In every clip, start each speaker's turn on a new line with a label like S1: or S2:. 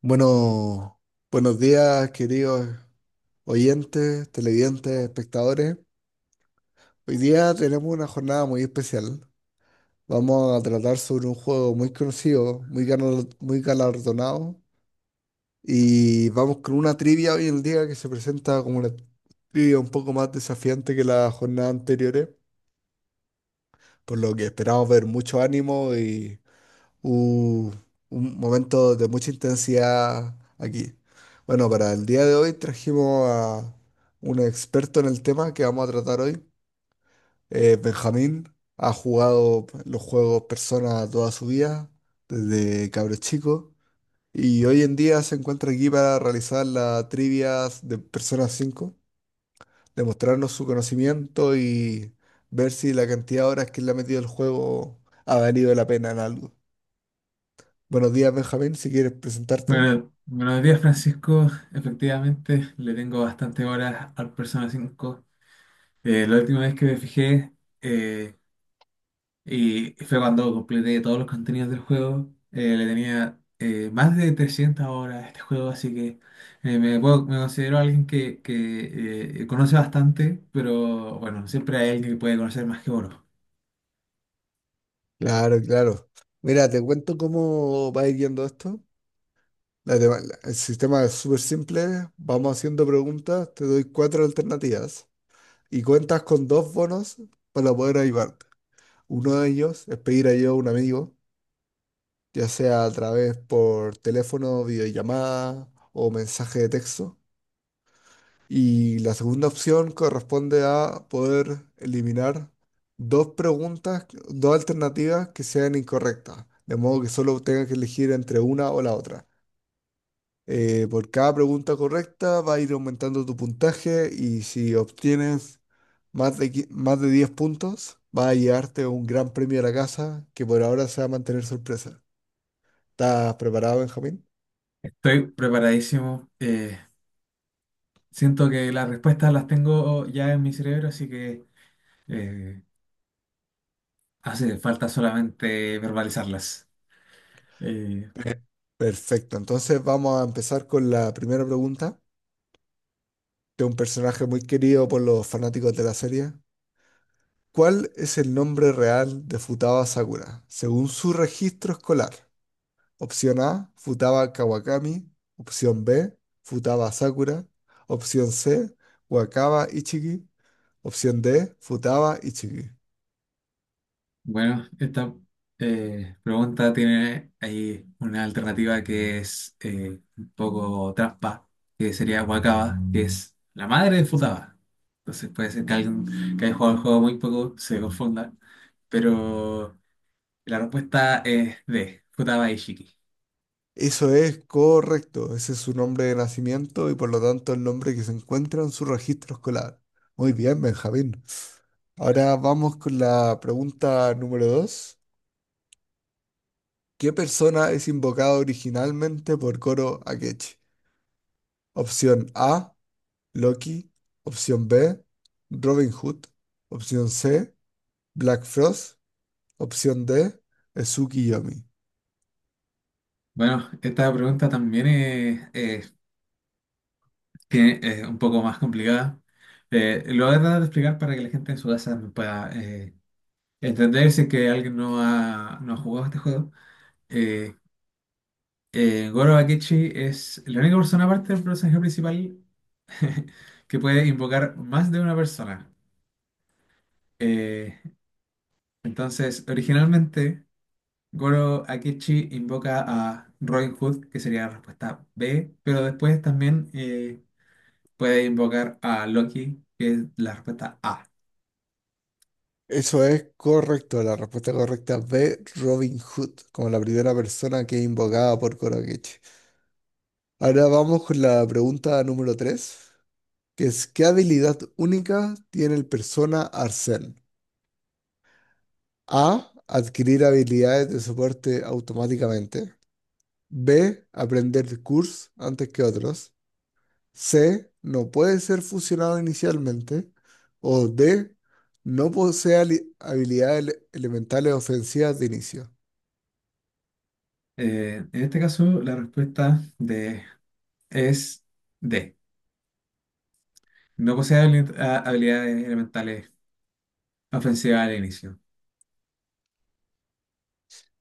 S1: Bueno, buenos días, queridos oyentes, televidentes, espectadores. Hoy día tenemos una jornada muy especial. Vamos a tratar sobre un juego muy conocido, muy galardonado. Y vamos con una trivia hoy en día que se presenta como una trivia un poco más desafiante que las jornadas anteriores, por lo que esperamos ver mucho ánimo Uh, un momento de mucha intensidad aquí. Bueno, para el día de hoy trajimos a un experto en el tema que vamos a tratar hoy. Benjamín ha jugado los juegos Persona toda su vida, desde cabro chico, y hoy en día se encuentra aquí para realizar las trivias de Persona 5, demostrarnos su conocimiento y ver si la cantidad de horas que le ha metido el juego ha valido la pena en algo. Buenos días, Benjamín, si quieres presentarte.
S2: Bueno, buenos días, Francisco. Efectivamente, le tengo bastante horas al Persona 5. La última vez que me fijé eh, y fue cuando completé todos los contenidos del juego. Le tenía más de 300 horas a este juego, así que me considero alguien que conoce bastante, pero bueno, siempre hay alguien que puede conocer más que uno.
S1: Claro, claro. Mira, te cuento cómo va a ir yendo esto. El sistema es súper simple. Vamos haciendo preguntas, te doy cuatro alternativas y cuentas con dos bonos para poder ayudarte. Uno de ellos es pedir ayuda a un amigo, ya sea a través por teléfono, videollamada o mensaje de texto. Y la segunda opción corresponde a poder eliminar dos preguntas, dos alternativas que sean incorrectas, de modo que solo tengas que elegir entre una o la otra. Por cada pregunta correcta va a ir aumentando tu puntaje y si obtienes más de 10 puntos, va a llevarte un gran premio a la casa que por ahora se va a mantener sorpresa. ¿Estás preparado, Benjamín?
S2: Estoy preparadísimo. Siento que las respuestas las tengo ya en mi cerebro, así que... eh, hace falta solamente verbalizarlas. Eh,
S1: Perfecto, entonces vamos a empezar con la primera pregunta. De un personaje muy querido por los fanáticos de la serie. ¿Cuál es el nombre real de Futaba Sakura según su registro escolar? Opción A, Futaba Kawakami. Opción B, Futaba Sakura. Opción C, Wakaba Ichiki. Opción D, Futaba Ichiki.
S2: bueno, esta pregunta tiene ahí una alternativa que es un poco trampa, que sería Wakaba, que es la madre de Futaba. Entonces puede ser que alguien que haya jugado el juego muy poco se confunda, pero la respuesta es D, Futaba Ishiki.
S1: Eso es correcto, ese es su nombre de nacimiento y por lo tanto el nombre que se encuentra en su registro escolar. Muy bien, Benjamín. Ahora vamos con la pregunta número 2. ¿Qué persona es invocada originalmente por Koro Akechi? Opción A, Loki. Opción B, Robin Hood. Opción C, Black Frost. Opción D, Ezuki Yomi.
S2: Bueno, esta pregunta también es, que es un poco más complicada. Lo voy a tratar de explicar para que la gente en su casa me pueda entender si es que alguien no ha jugado este juego. Eh, Goro Akechi es la única persona aparte del personaje principal que puede invocar más de una persona. Eh, entonces, originalmente, Goro Akechi invoca a Robin Hood, que sería la respuesta B, pero después también puede invocar a Loki, que es la respuesta A.
S1: Eso es correcto. La respuesta correcta es B, Robin Hood, como la primera persona que es invocada por Koro Akechi. Ahora vamos con la pregunta número 3, que es ¿qué habilidad única tiene el persona Arsène? A. Adquirir habilidades de soporte automáticamente. B. Aprender cursos antes que otros. C. No puede ser fusionado inicialmente. O D. No posee habilidades elementales ofensivas de inicio.
S2: En este caso, la respuesta de es D. No posee habili- a- habilidades elementales ofensivas al inicio.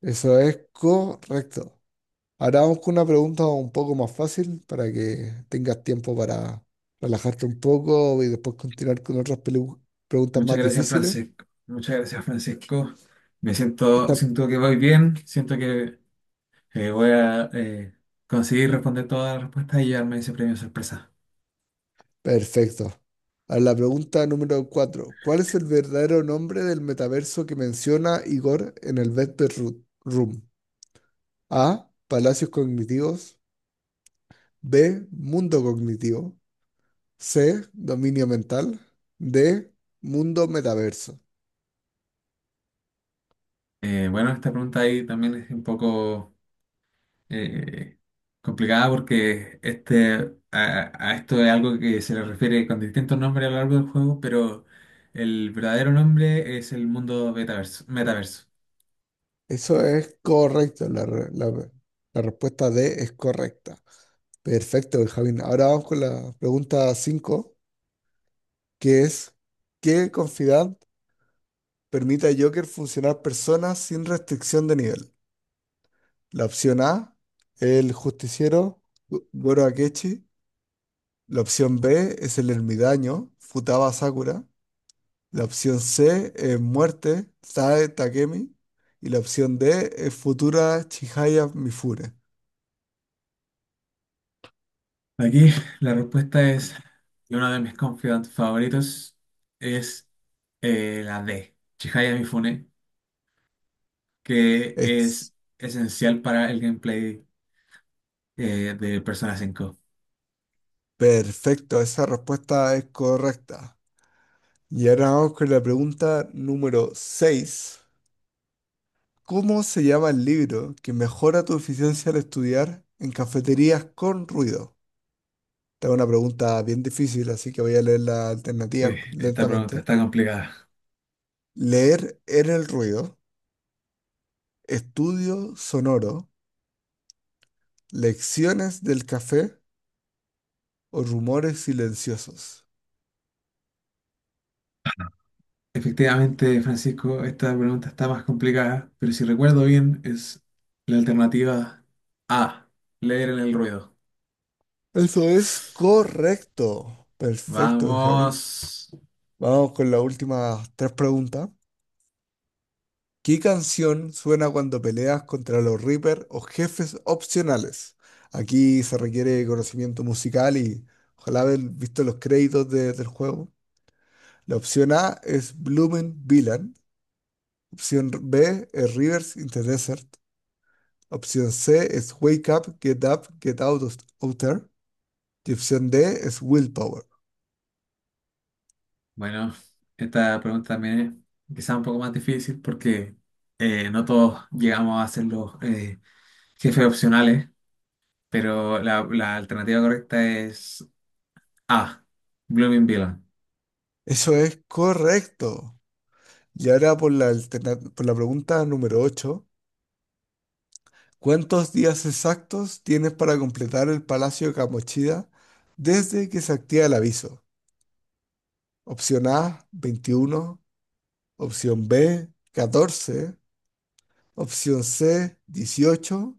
S1: Eso es correcto. Ahora vamos con una pregunta un poco más fácil para que tengas tiempo para relajarte un poco y después continuar con otras preguntas
S2: Muchas
S1: más
S2: gracias,
S1: difíciles.
S2: Francisco. Muchas gracias, Francisco.
S1: Esta,
S2: Siento que voy bien. Siento que voy a conseguir responder todas las respuestas y llevarme ese premio sorpresa.
S1: perfecto. A la pregunta número 4. ¿Cuál es el verdadero nombre del metaverso que menciona Igor en el Vesper Room? A. Palacios cognitivos. B. Mundo cognitivo. C. Dominio mental. D. Mundo metaverso.
S2: Bueno, esta pregunta ahí también es un poco. eh, complicada porque a esto es algo que se le refiere con distintos nombres a lo largo del juego, pero el verdadero nombre es el mundo metaverso.
S1: Eso es correcto. La respuesta D es correcta. Perfecto, Benjamín. Ahora vamos con la pregunta 5, que es ¿qué confidad permite a Joker funcionar personas sin restricción de nivel? La opción A, el justiciero Goro Akechi. La opción B es el ermitaño Futaba Sakura. La opción C es muerte Sae Takemi. Y la opción D es futura Chihaya Mifune.
S2: Aquí la respuesta es, y uno de mis confidants favoritos es la D, Chihaya Mifune, que
S1: Ex.
S2: es esencial para el gameplay de Persona 5.
S1: Perfecto, esa respuesta es correcta. Y ahora vamos con la pregunta número 6. ¿Cómo se llama el libro que mejora tu eficiencia al estudiar en cafeterías con ruido? Esta es una pregunta bien difícil, así que voy a leer las alternativas
S2: Sí, esta pregunta
S1: lentamente.
S2: está complicada.
S1: Leer en el ruido, estudio sonoro, lecciones del café o rumores silenciosos.
S2: Efectivamente, Francisco, esta pregunta está más complicada, pero si recuerdo bien, es la alternativa A, leer en el ruido.
S1: Eso es correcto. Perfecto, Benjamín.
S2: Vamos.
S1: Vamos con las últimas tres preguntas. ¿Qué canción suena cuando peleas contra los Reaper o jefes opcionales? Aquí se requiere conocimiento musical y ojalá haber visto los créditos del juego. La opción A es Bloomin' Villain. Opción B es Rivers in the Desert. Opción C es Wake Up, Get Up, Get Out of Outer. Y opción D es Willpower.
S2: Bueno, esta pregunta también es quizá un poco más difícil porque no todos llegamos a ser los jefes opcionales, pero la alternativa correcta es A, Blooming Villain.
S1: Eso es correcto. Y ahora por por la pregunta número 8. ¿Cuántos días exactos tienes para completar el Palacio de Kamoshida desde que se activa el aviso? Opción A, 21, opción B, 14, opción C, 18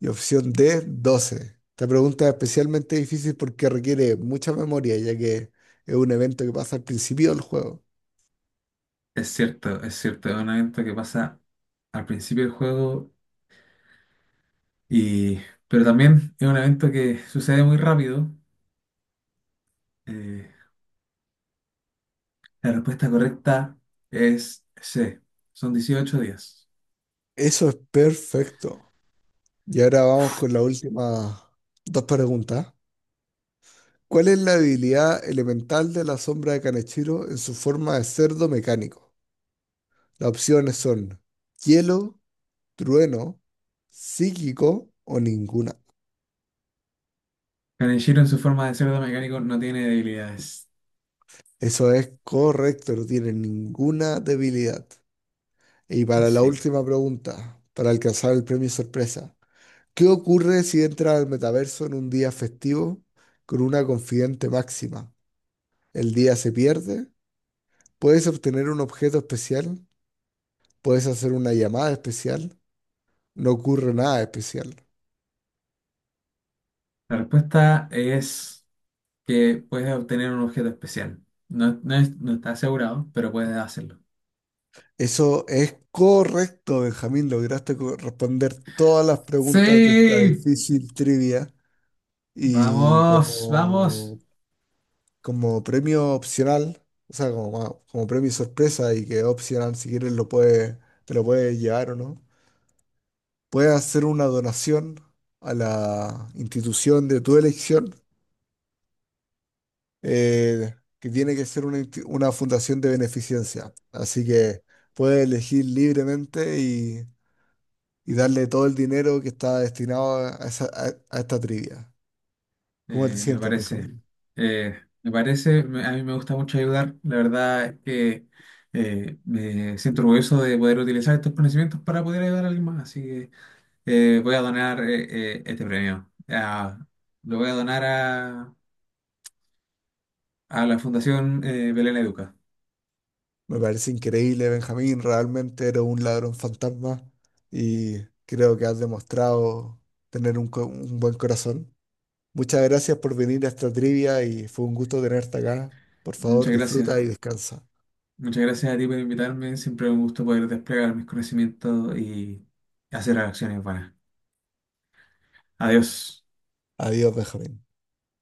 S1: y opción D, 12. Esta pregunta es especialmente difícil porque requiere mucha memoria, ya que es un evento que pasa al principio del juego.
S2: Es cierto, es un evento que pasa al principio del juego. Y pero también es un evento que sucede muy rápido. Eh, la respuesta correcta es C. Son 18 días.
S1: Eso es perfecto. Y ahora vamos con la última dos preguntas. ¿Cuál es la habilidad elemental de la sombra de Kaneshiro en su forma de cerdo mecánico? Las opciones son hielo, trueno, psíquico o ninguna.
S2: Kaneshiro en su forma de cerdo mecánico no tiene debilidades.
S1: Eso es correcto, no tiene ninguna debilidad. Y para la
S2: Sí.
S1: última pregunta, para alcanzar el premio sorpresa, ¿qué ocurre si entras al metaverso en un día festivo con una confidente máxima? ¿El día se pierde? ¿Puedes obtener un objeto especial? ¿Puedes hacer una llamada especial? No ocurre nada especial.
S2: La respuesta es que puedes obtener un objeto especial. No, no está asegurado, pero puedes hacerlo.
S1: Eso es correcto, Benjamín. Lograste responder todas las preguntas de esta
S2: Sí.
S1: difícil trivia. Y
S2: Vamos, vamos.
S1: como, como premio opcional, o sea, como premio sorpresa y que opcional, si quieres, te lo puedes llevar o no. Puedes hacer una donación a la institución de tu elección, que tiene que ser una fundación de beneficencia. Así que puedes elegir libremente y darle todo el dinero que está destinado a esta trivia. ¿Cómo te
S2: Eh, me
S1: sientes,
S2: parece,
S1: Benjamín?
S2: me parece, a mí me gusta mucho ayudar. La verdad es que me siento orgulloso de poder utilizar estos conocimientos para poder ayudar a alguien más. Así que voy a donar este premio. Lo voy a donar a la Fundación Belén Educa.
S1: Me parece increíble, Benjamín. Realmente eres un ladrón fantasma y creo que has demostrado tener un buen corazón. Muchas gracias por venir a esta trivia y fue un gusto tenerte acá. Por favor,
S2: Muchas gracias.
S1: disfruta y descansa.
S2: Muchas gracias a ti por invitarme. Siempre es un gusto poder desplegar mis conocimientos y hacer acciones buenas. Adiós.
S1: Adiós, Benjamín.